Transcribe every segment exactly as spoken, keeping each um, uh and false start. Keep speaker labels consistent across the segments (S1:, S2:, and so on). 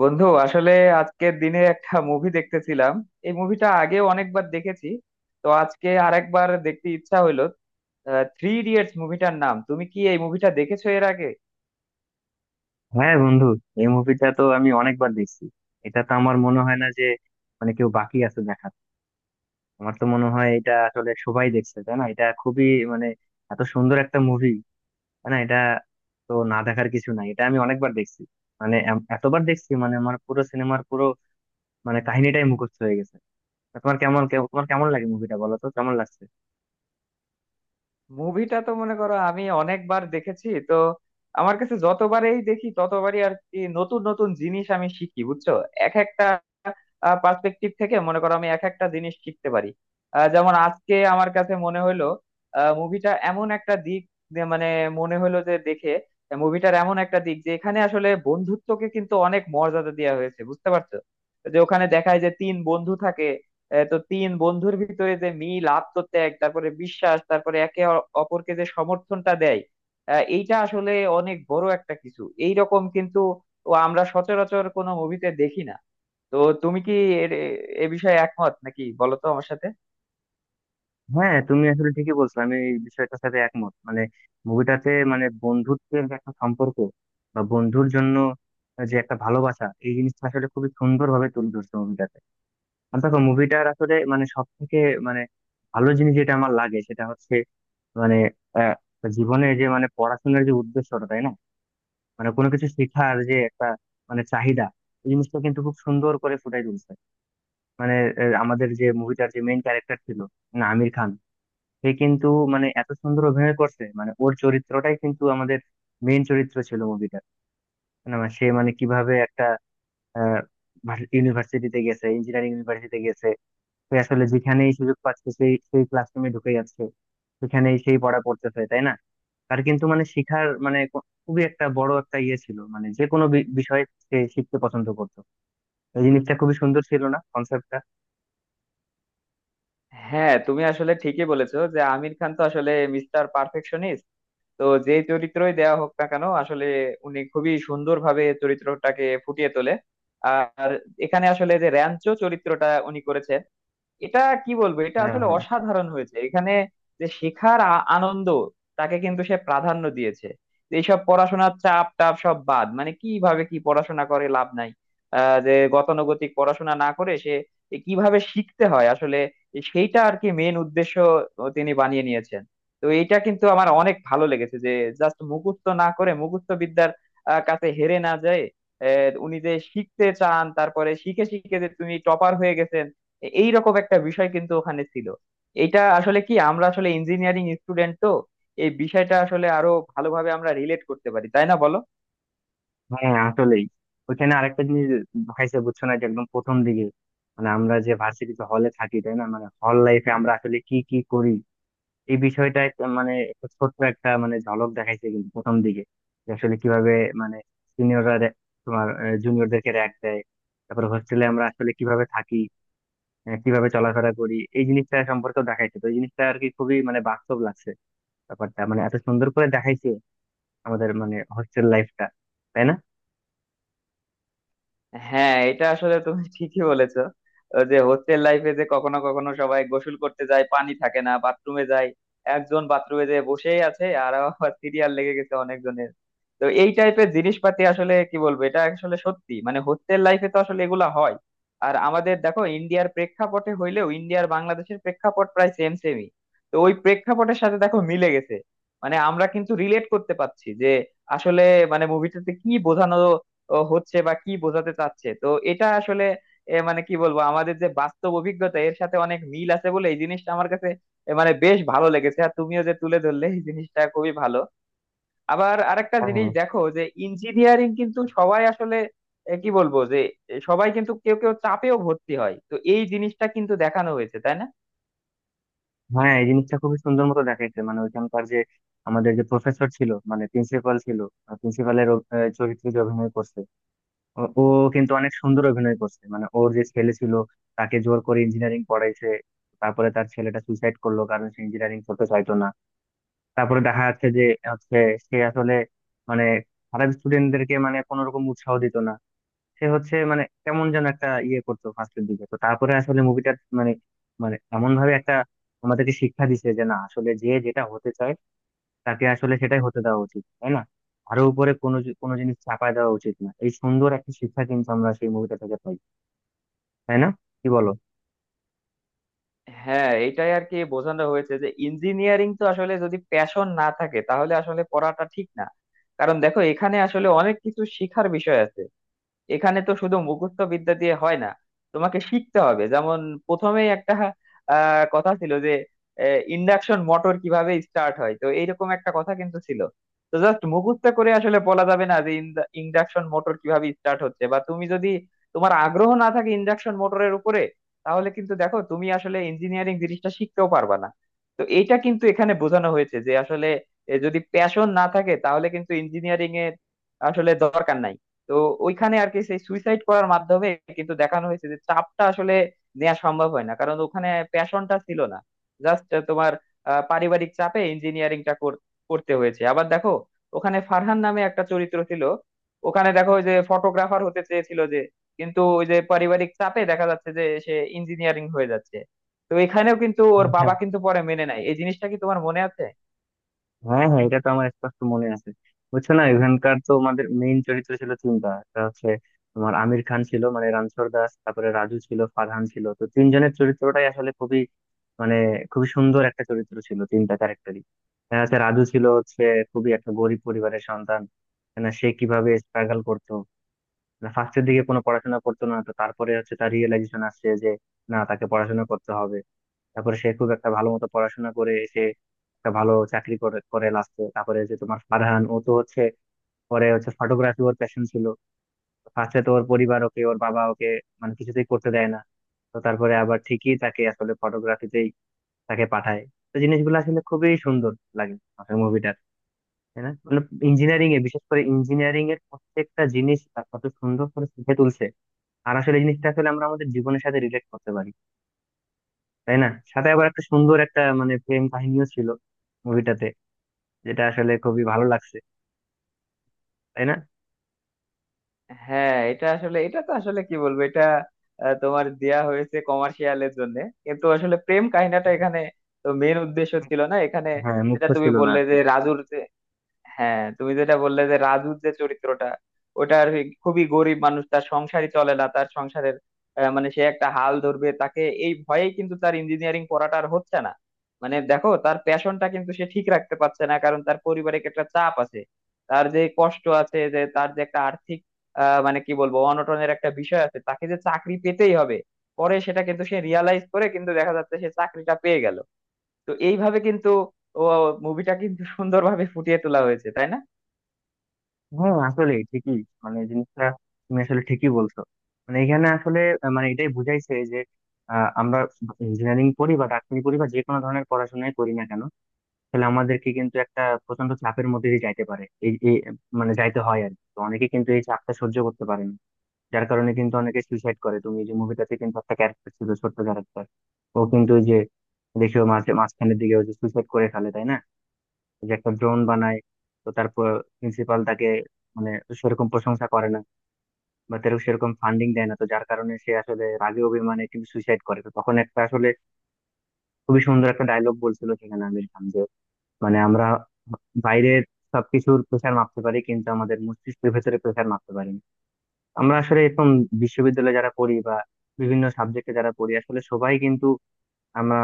S1: বন্ধু আসলে আজকের দিনে একটা মুভি দেখতেছিলাম। এই মুভিটা আগে অনেকবার দেখেছি, তো আজকে আরেকবার দেখতে ইচ্ছা হইলো। থ্রি ইডিয়টস মুভিটার নাম। তুমি কি এই মুভিটা দেখেছো এর আগে?
S2: হ্যাঁ বন্ধু, এই মুভিটা তো আমি অনেকবার দেখছি। এটা তো আমার মনে হয় না যে মানে কেউ বাকি আছে দেখার। আমার তো মনে হয় এটা আসলে সবাই দেখছে, তাই না? এটা খুবই, মানে এত সুন্দর একটা মুভি, তাই না? এটা তো না দেখার কিছু নাই, এটা আমি অনেকবার দেখছি। মানে এম- এতবার দেখছি, মানে আমার পুরো সিনেমার পুরো, মানে কাহিনীটাই মুখস্থ হয়ে গেছে। তা তোমার কেমন কেমন- তোমার কেমন লাগে মুভিটা, বলো তো কেমন লাগছে?
S1: মুভিটা তো মনে করো আমি অনেকবার দেখেছি, তো আমার কাছে যতবারই দেখি ততবারই আর কি নতুন নতুন জিনিস আমি শিখি, বুঝছো? এক একটা পার্সপেক্টিভ থেকে মনে করো আমি এক একটা জিনিস শিখতে পারি। আহ, যেমন আজকে আমার কাছে মনে হলো মুভিটা এমন একটা দিক, যে মানে মনে হলো যে দেখে মুভিটার এমন একটা দিক, যে এখানে আসলে বন্ধুত্বকে কিন্তু অনেক মর্যাদা দেওয়া হয়েছে, বুঝতে পারছো? যে ওখানে দেখায় যে তিন বন্ধু থাকে। আহ, তো তিন বন্ধুর ভিতরে যে মিল, আত্মত্যাগ, তারপরে বিশ্বাস, তারপরে একে অ- অপরকে যে সমর্থনটা দেয়, আহ, এইটা আসলে অনেক বড় একটা কিছু এইরকম, কিন্তু ও আমরা সচরাচর কোনো মুভিতে দেখি না। তো তুমি কি এর- এ এ বিষয়ে একমত নাকি, বলো তো আমার সাথে?
S2: হ্যাঁ তুমি আসলে ঠিকই বলছো, আমি এই বিষয়টার সাথে একমত। মানে মুভিটাতে, মানে বন্ধুত্বের যে একটা সম্পর্ক বা বন্ধুর জন্য যে একটা ভালোবাসা, এই জিনিসটা আসলে খুবই সুন্দর ভাবে তুলে ধরছে মুভিটাতে। আর দেখো, মুভিটার আসলে মানে সব থেকে, মানে ভালো জিনিস যেটা আমার লাগে সেটা হচ্ছে, মানে আহ, জীবনে যে, মানে পড়াশোনার যে উদ্দেশ্যটা, তাই না? মানে কোনো কিছু শেখার যে একটা, মানে চাহিদা, এই জিনিসটা কিন্তু খুব সুন্দর করে ফুটাই তুলছে। মানে আহ, আমাদের যে মুভিটার যে মেইন ক্যারেক্টার ছিল, মানে আমির খান, সে কিন্তু মানে এত সুন্দর অভিনয় করছে, মানে ওর চরিত্রটাই কিন্তু আমাদের মেইন চরিত্র ছিল মুভিটা। মানে আমার সে, মানে কিভাবে একটা ইউনিভার্সিটিতে গেছে, ইঞ্জিনিয়ারিং ইউনিভার্সিটিতে গেছে। সে আসলে যেখানেই সুযোগ পাচ্ছে সেই সেই ক্লাসরুমে ঢুকে যাচ্ছে, সেখানেই সেই পড়া পড়তেছে, তাই না? তার কিন্তু মানে শিখার, মানে কো- খুবই একটা বড় একটা ইয়ে ছিল, মানে যে কোনো বি- বিষয়ে সে শিখতে পছন্দ করতো। এই জিনিসটা খুবই সুন্দর ছিল না কনসেপ্টটা?
S1: হ্যাঁ, তুমি আসলে ঠিকই বলেছো যে আমির খান তো আসলে মিস্টার পারফেকশনিস্ট। তো যে চরিত্রই দেওয়া হোক না কেন, আসলে উনি খুবই সুন্দরভাবে চরিত্রটাকে ফুটিয়ে তোলে। আর এখানে আসলে যে র্যাঞ্চো চরিত্রটা উনি করেছেন, এটা কি বলবো, এটা
S2: হ্যাঁ,
S1: আসলে
S2: হ্যাঁ।
S1: অসাধারণ হয়েছে এখানে। যে শেখার আ- আনন্দ, তাকে কিন্তু সে প্রাধান্য দিয়েছে। এইসব পড়াশোনার চাপ টাপ সব বাদ, মানে কিভাবে কি পড়াশোনা করে লাভ নাই। আহ, যে গতানুগতিক পড়াশোনা না করে সে কিভাবে শিখতে হয় আসলে, সেইটা আর কি মেন উদ্দেশ্য তিনি বানিয়ে নিয়েছেন। তো এইটা কিন্তু আমার অনেক ভালো লেগেছে যে জাস্ট মুখস্থ না করে মুখস্থ বিদ্যার আহ, কাছে হেরে না যায়, আহ, উনি যে শিখতে চান, তারপরে শিখে শিখে যে তুমি টপার হয়ে গেছেন, এই রকম একটা বিষয় কিন্তু ওখানে ছিল। এটা আসলে কি, আমরা আসলে ইঞ্জিনিয়ারিং স্টুডেন্ট, তো এই বিষয়টা আসলে আরো ভালোভাবে আমরা রিলেট করতে পারি, তাই না বলো?
S2: হ্যাঁ, আসলেই। ওইখানে আরেকটা জিনিস হয়েছে বুঝছো না, যে একদম প্রথম দিকে মানে আমরা যে ভার্সিটিতে হলে থাকি, তাই না, মানে হল লাইফে আমরা আসলে কি কি করি, এই বিষয়টা একটা, মানে একটা ছোট্ট একটা মানে ঝলক দেখাইছে কিন্তু প্রথম দিকে, যে আসলে কিভাবে মানে সিনিয়ররা তোমার জুনিয়রদেরকে র‍্যাগ দেয়, তারপর হোস্টেলে আমরা আসলে কিভাবে থাকি, আহ, কিভাবে চলাফেরা করি, এই জিনিসটা সম্পর্কেও দেখাইছে। তো এই জিনিসটা আর কি খুবই মানে বাস্তব লাগছে ব্যাপারটা, মানে এত সুন্দর করে দেখাইছে আমাদের মানে হোস্টেল লাইফটা, তাই
S1: হ্যাঁ, এটা আসলে তুমি ঠিকই বলেছো যে হোস্টেল লাইফে যে কখনো কখনো সবাই গোসল করতে যায়, পানি থাকে না, বাথরুমে যায়, একজন বাথরুমে যেয়ে বসেই আছে, আর আবার সিরিয়াল লেগে গেছে অনেকজনের। তো এই টাইপের জিনিসপাতি আসলে কি বলবো, এটা আসলে সত্যি মানে হোস্টেল লাইফে তো আসলে এগুলা হয়। আর আমাদের দেখো ইন্ডিয়ার প্রেক্ষাপটে হইলেও ইন্ডিয়ার বাংলাদেশের প্রেক্ষাপট প্রায় সেম সেমই। তো ওই প্রেক্ষাপটের সাথে দেখো মিলে গেছে, মানে আমরা কিন্তু রিলেট করতে পারছি যে আসলে মানে মুভিটাতে কি বোঝানো ও হচ্ছে বা কি বোঝাতে চাচ্ছে। তো এটা আসলে এ, মানে কি বলবো, আমাদের যে বাস্তব অভিজ্ঞতা এর সাথে অনেক মিল আছে বলে এই জিনিসটা আমার কাছে এ, মানে বেশ ভালো লেগেছে। আর তুমিও যে তুলে ধরলে, এই জিনিসটা খুবই ভালো। আবার আরেকটা জিনিস
S2: না?
S1: দেখো যে ইঞ্জিনিয়ারিং কিন্তু সবাই আসলে এ, কি বলবো যে এ, সবাই কিন্তু, কেউ কেউ চাপেও ভর্তি হয়, তো এই জিনিসটা কিন্তু দেখানো হয়েছে, তাই না?
S2: হ্যাঁ, এই জিনিসটা খুবই সুন্দর মতো দেখাইছে, মানে ওইখানকার যে আমাদের যে প্রফেসর ছিল, মানে প্রিন্সিপাল ছিল, প্রিন্সিপালের চরিত্রে যে অভিনয় করছে, ও ও কিন্তু অনেক সুন্দর অভিনয় করছে। মানে ওর যে ছেলে ছিল, তাকে জোর করে ইঞ্জিনিয়ারিং পড়াইছে, তারপরে তার ছেলেটা সুইসাইড করলো কারণ সে ইঞ্জিনিয়ারিং করতে চাইতো না। তারপরে দেখা যাচ্ছে যে হচ্ছে সে আসলে মানে খারাপ স্টুডেন্টদেরকে মানে কোনো রকম উৎসাহ দিত না, সে হচ্ছে মানে কেমন যেন একটা ইয়ে করতো ফার্স্টের দিকে। তো তারপরে আসলে মুভিটা মানে মানে এমন ভাবে একটা আমাদেরকে শিক্ষা দিছে যে না, আসলে যে যেটা হতে চায় তাকে আসলে সেটাই হতে দেওয়া উচিত, তাই না? আরো উপরে কোনো জি- কোনো জিনিস চাপায় দেওয়া উচিত না, এই সুন্দর একটা শিক্ষা কিন্তু আমরা সেই মুভিটা থেকে পাই, তাই না? কি বলো?
S1: হ্যাঁ, এটাই আর কি বোঝানো হয়েছে যে ইঞ্জিনিয়ারিং তো আসলে যদি প্যাশন না থাকে, তাহলে আসলে পড়াটা ঠিক না। কারণ দেখো, এখানে আসলে অনেক কিছু শিখার বিষয় আছে। এখানে তো শুধু মুখস্থ বিদ্যা দিয়ে হয় না, তোমাকে শিখতে হবে। যেমন প্রথমেই একটা আহ কথা ছিল যে ইন্ডাকশন মোটর কিভাবে স্টার্ট হয়, তো এইরকম একটা কথা কিন্তু ছিল। তো জাস্ট মুখস্থ করে আসলে বলা যাবে না যে ইন্ডাকশন মোটর কিভাবে স্টার্ট হচ্ছে। বা তুমি যদি, তোমার আগ্রহ না থাকে ইন্ডাকশন মোটরের উপরে, তাহলে কিন্তু দেখো তুমি আসলে ইঞ্জিনিয়ারিং জিনিসটা শিখতেও পারবা না। তো এইটা কিন্তু এখানে বোঝানো হয়েছে যে আসলে এ, যদি প্যাশন না থাকে, তাহলে কিন্তু ইঞ্জিনিয়ারিং এর আসলে দরকার নাই। তো ওইখানে আর কি সেই সুইসাইড করার মাধ্যমে কিন্তু দেখানো হয়েছে যে চাপটা আসলে নেওয়া সম্ভব হয় না, কারণ ওখানে প্যাশনটা ছিল না। জাস্ট তোমার আহ, পারিবারিক চাপে ইঞ্জিনিয়ারিংটা করতে হয়েছে। আবার দেখো, ওখানে ফারহান নামে একটা চরিত্র ছিল। ওখানে দেখো, ওই যে ফটোগ্রাফার হতে চেয়েছিল যে, কিন্তু ওই যে পারিবারিক চাপে দেখা যাচ্ছে যে সে ইঞ্জিনিয়ারিং হয়ে যাচ্ছে। তো এখানেও কিন্তু ওর বাবা কিন্তু পরে মেনে নেয়। এই জিনিসটা কি তোমার মনে আছে?
S2: হ্যাঁ, হ্যাঁ, এটা তো আমার স্পষ্ট মনে আছে। বুঝছো না, এখানকার তো আমাদের মেইন চরিত্র ছিল তিনটা, একটা হচ্ছে তোমার আমির খান ছিল, মানে রানছর দাস, তারপরে রাজু ছিল, ফারহান ছিল। তো তিনজনের চরিত্রটাই আসলে খুবই, মানে খুবই সুন্দর একটা চরিত্র ছিল, তিনটা ক্যারেক্টারই। হ্যাঁ, হচ্ছে রাজু ছিল হচ্ছে খুবই একটা গরিব পরিবারের সন্তান, না? সে কিভাবে স্ট্রাগল করতো, না ফার্স্টের দিকে কোনো পড়াশোনা করতো না। তো তারপরে হচ্ছে তার রিয়েলাইজেশন আসছে যে না, তাকে পড়াশোনা করতে হবে। তারপরে সে খুব একটা ভালো মতো পড়াশোনা করে এসে একটা ভালো চাকরি করে করে লাস্টে। তারপরে যে তোমার ফারহান, ও তো হচ্ছে পরে হচ্ছে ফটোগ্রাফি ওর প্যাশন ছিল, ফার্স্টে তো ওর পরিবার ওকে, ওর বাবা ওকে মানে কিছুতেই করতে দেয় না। তো তারপরে আবার ঠিকই তাকে আসলে ফটোগ্রাফিতেই তাকে পাঠায়। তো জিনিসগুলো আসলে খুবই সুন্দর লাগে আসলে মুভিটার, তাই না? মানে ইঞ্জিনিয়ারিং এ, বিশেষ করে ইঞ্জিনিয়ারিং এর প্রত্যেকটা জিনিস তার কত সুন্দর করে ফুটে তুলছে। আর আসলে এই জিনিসটা আসলে আমরা আমাদের জীবনের সাথে রিলেট করতে পারি, তাই না? সাথে আবার একটা সুন্দর একটা মানে প্রেম কাহিনীও ছিল মুভিটাতে, যেটা আসলে খুবই ভালো লাগছে, তাই না?
S1: হ্যাঁ, এটা আসলে, এটা তো আসলে কি বলবো, এটা আহ, তোমার দেয়া হয়েছে কমার্শিয়ালের জন্য, কিন্তু আসলে প্রেম কাহিনীটা এখানে তো মেন উদ্দেশ্য ছিল না এখানে।
S2: হ্যাঁ,
S1: যেটা
S2: মুখ্য
S1: তুমি
S2: ছিল না
S1: বললে
S2: আর কি।
S1: যে রাজুর, হ্যাঁ তুমি যেটা বললে যে রাজুর যে চরিত্রটা, ওটা আর কি খুবই গরিব মানুষ, তার সংসারই চলে না, তার সংসারের আহ, মানে সে একটা হাল ধরবে তাকে, এই ভয়েই কিন্তু তার ইঞ্জিনিয়ারিং পড়াটা আর হচ্ছে না। মানে দেখো, তার প্যাশনটা কিন্তু সে ঠিক রাখতে পারছে না, কারণ তার পারিবারিক একটা চাপ আছে, তার যে কষ্ট আছে, যে তার যে একটা আর্থিক আহ মানে কি বলবো অনটনের একটা বিষয় আছে, তাকে যে চাকরি পেতেই হবে। পরে সেটা কিন্তু সে রিয়ালাইজ করে, কিন্তু দেখা যাচ্ছে সে চাকরিটা পেয়ে গেল। তো এইভাবে কিন্তু ও মুভিটা কিন্তু সুন্দরভাবে ফুটিয়ে তোলা হয়েছে, তাই না?
S2: হ্যাঁ আসলে ঠিকই, মানে জিনিসটা তুমি আসলে ঠিকই বলছো। মানে এখানে আসলে আহ, মানে এটাই বুঝাইছে যে আহ, আমরা ইঞ্জিনিয়ারিং পড়ি বা ডাক্তারি পড়ি বা যে কোনো ধরনের পড়াশোনাই করি না কেন, তাহলে আমাদেরকে কিন্তু একটা প্রচন্ড চাপের মধ্যে দিয়ে যাইতে পারে, এই এই, মানে যাইতে হয় আর কি। তো অনেকে কিন্তু এই চাপটা সহ্য করতে পারে না, যার কারণে কিন্তু অনেকে সুইসাইড করে। তুমি এই যে মুভিটাতে কিন্তু একটা ক্যারেক্টার ছিল, ছোট্ট ক্যারেক্টার, ও কিন্তু ওই যে, দেখো মাঝে মাঝখানের দিকে ওই যে সুইসাইড করে ফেলে, তাই না? ওই যে একটা ড্রোন বানায়, তো তারপর প্রিন্সিপাল তাকে মানে সেরকম প্রশংসা করে না বা তার সেরকম ফান্ডিং দেয় না, তো যার কারণে সে আসলে রাগে অভিমানে কিন্তু সুইসাইড করে। তো তখন একটা আসলে খুবই সুন্দর একটা ডায়লগ বলছিল সেখানে আমির খান, যে মানে আমরা বাইরের সবকিছুর প্রেশার মাপতে পারি, কিন্তু আমাদের মস্তিষ্কের ভেতরে প্রেশার মাপতে পারি না। আমরা আসলে এখন বিশ্ববিদ্যালয়ে যারা পড়ি বা বিভিন্ন সাবজেক্টে যারা পড়ি, আসলে সবাই কিন্তু আমরা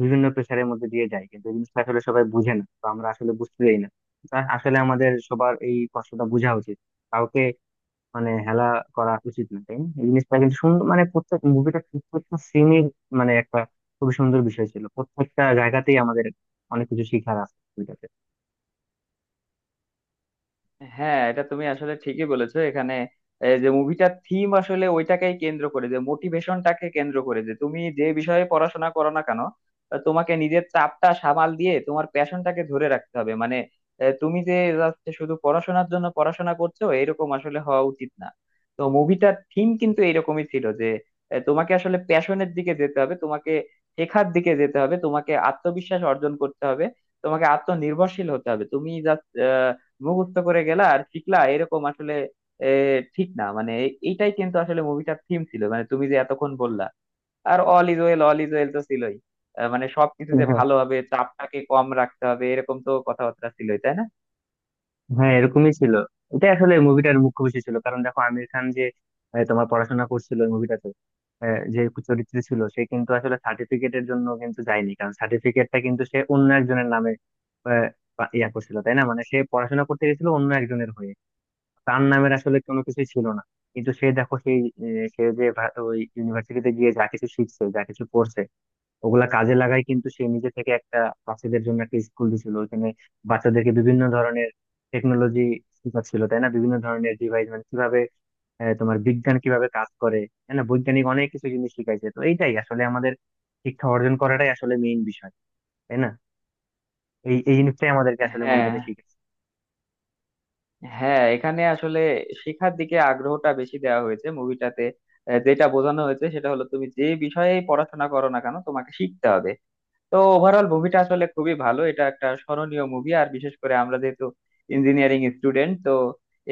S2: বিভিন্ন প্রেশারের মধ্যে দিয়ে যাই, কিন্তু এই জিনিসটা আসলে সবাই বুঝে না, তো আমরা আসলে বুঝতে যাই না। তা আসলে আমাদের সবার এই কষ্টটা বোঝা উচিত, কাউকে মানে হেলা করা উচিত না, তাই না? এই জিনিসটা কিন্তু সুন্দর, মানে প্রত্যেক মুভিটা, প্রত্যেকটা সিনের মানে একটা খুবই সুন্দর বিষয় ছিল। প্রত্যেকটা জায়গাতেই আমাদের অনেক কিছু শিখার আছে মুভিটাতে।
S1: হ্যাঁ, এটা তুমি আসলে ঠিকই বলেছো। এখানে এই যে মুভিটার থিম আসলে ওইটাকেই কেন্দ্র করে, যে মোটিভেশনটাকে কেন্দ্র করে যে তুমি যে বিষয়ে পড়াশোনা করো না কেন, আহ, তোমাকে নিজের চাপটা সামাল দিয়ে তোমার প্যাশনটাকে ধরে রাখতে হবে। মানে আহ, তুমি যে just শুধু পড়াশোনার জন্য পড়াশোনা করছো, এরকম আসলে হওয়া উচিত না। তো মুভিটার থিম কিন্তু এরকমই ছিল যে আহ, তোমাকে আসলে প্যাশনের দিকে যেতে হবে, তোমাকে শেখার দিকে যেতে হবে, তোমাকে আত্মবিশ্বাস অর্জন করতে হবে, তোমাকে আত্মনির্ভরশীল হতে হবে। তুমি জাস্ট মুখস্থ করে গেলা আর শিখলা, এরকম আসলে এ, ঠিক না। মানে এ- এইটাই কিন্তু আসলে মুভিটার থিম ছিল, মানে তুমি যে এতক্ষণ বললা। আর all is well, all is well তো ছিলই। আহ, মানে সবকিছু যে ভালো হবে, চাপটাকে কম রাখতে হবে, এরকম তো কথাবার্তা ছিলই, তাই না?
S2: হ্যাঁ, এরকমই ছিল, এটাই আসলে মুভিটার মুখ্য বিষয় ছিল। কারণ দেখো, আমির খান যে আহ, তোমার পড়াশোনা করছিল ওই মুভিটাতে, আহ, যে চরিত্রে ছিল, সে কিন্তু আসলে সার্টিফিকেটের জন্য কিন্তু যায়নি, কারণ সার্টিফিকেটটা কিন্তু সে অন্য একজনের নামে আহ, পা- ইয়া করছিল, তাই না? মানে সে পড়াশোনা করতে গেছিল অন্য একজনের হয়ে, তার নামের আসলে কোনো কিছুই ছিল না। কিন্তু সে দেখো সেই আহ, সে যে ভা- ওই ইউনিভার্সিটিতে গিয়ে যা কিছু শিখছে, যা কিছু করছে, ওগুলা কাজে লাগাই কিন্তু সে নিজে থেকে একটা বাচ্চাদের জন্য একটা স্কুল দিছিল ওখানে। বাচ্চাদেরকে বিভিন্ন ধরনের টেকনোলজি ছিল, তাই না, বিভিন্ন ধরনের ডিভাইস, মানে কিভাবে আহ, তোমার বিজ্ঞান কিভাবে কাজ করে, তাই না, বৈজ্ঞানিক অনেক কিছু জিনিস শিখাইছে। তো এইটাই আসলে আমাদের শিক্ষা অর্জন করাটাই আসলে মেইন বিষয়, তাই না? এই এই জিনিসটাই আমাদেরকে আসলে
S1: হ্যাঁ,
S2: মুভিটাতে শিখেছে।
S1: হ্যাঁ এখানে আসলে শেখার দিকে আগ্রহটা বেশি দেওয়া হয়েছে মুভিটাতে। যেটা বোঝানো হয়েছে সেটা হলো তুমি যে বিষয়ে পড়াশোনা করো না কেন, তোমাকে শিখতে হবে। তো ওভারঅল মুভিটা আসলে খুবই ভালো, এটা একটা স্মরণীয় মুভি। আর বিশেষ করে আমরা যেহেতু ইঞ্জিনিয়ারিং স্টুডেন্ট, তো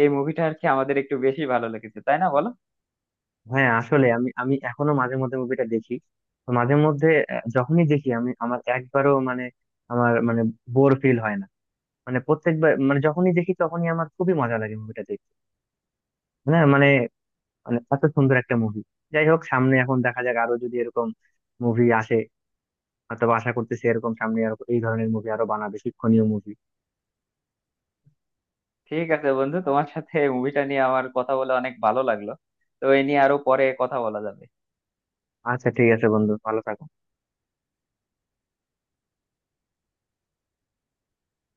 S1: এই মুভিটা আর কি আমাদের একটু বেশি ভালো লেগেছে, তাই না বলো?
S2: হ্যাঁ আসলে আমি আমি এখনো মাঝে মধ্যে মুভিটা দেখি। তো মাঝে মধ্যে আহ, যখনই দেখি, আমি আমার একবারও মানে, আমার মানে বোর ফিল হয় না, মানে প্রত্যেকবার মানে যখনই দেখি তখনই আমার খুবই মজা লাগে মুভিটা দেখতে। হ্যাঁ মানে মানে এত সুন্দর একটা মুভি। যাই হোক, সামনে এখন দেখা যাক আরো যদি এরকম মুভি আসে, হয়তো আশা করতেছি এরকম সামনে আরো এই ধরনের মুভি আরো বানাবে, শিক্ষণীয় মুভি।
S1: ঠিক আছে বন্ধু, তোমার সাথে এই মুভিটা নিয়ে আমার কথা বলে অনেক ভালো লাগলো। তো এই নিয়ে আরো পরে কথা বলা যাবে।
S2: আচ্ছা ঠিক আছে বন্ধু, ভালো থাকো।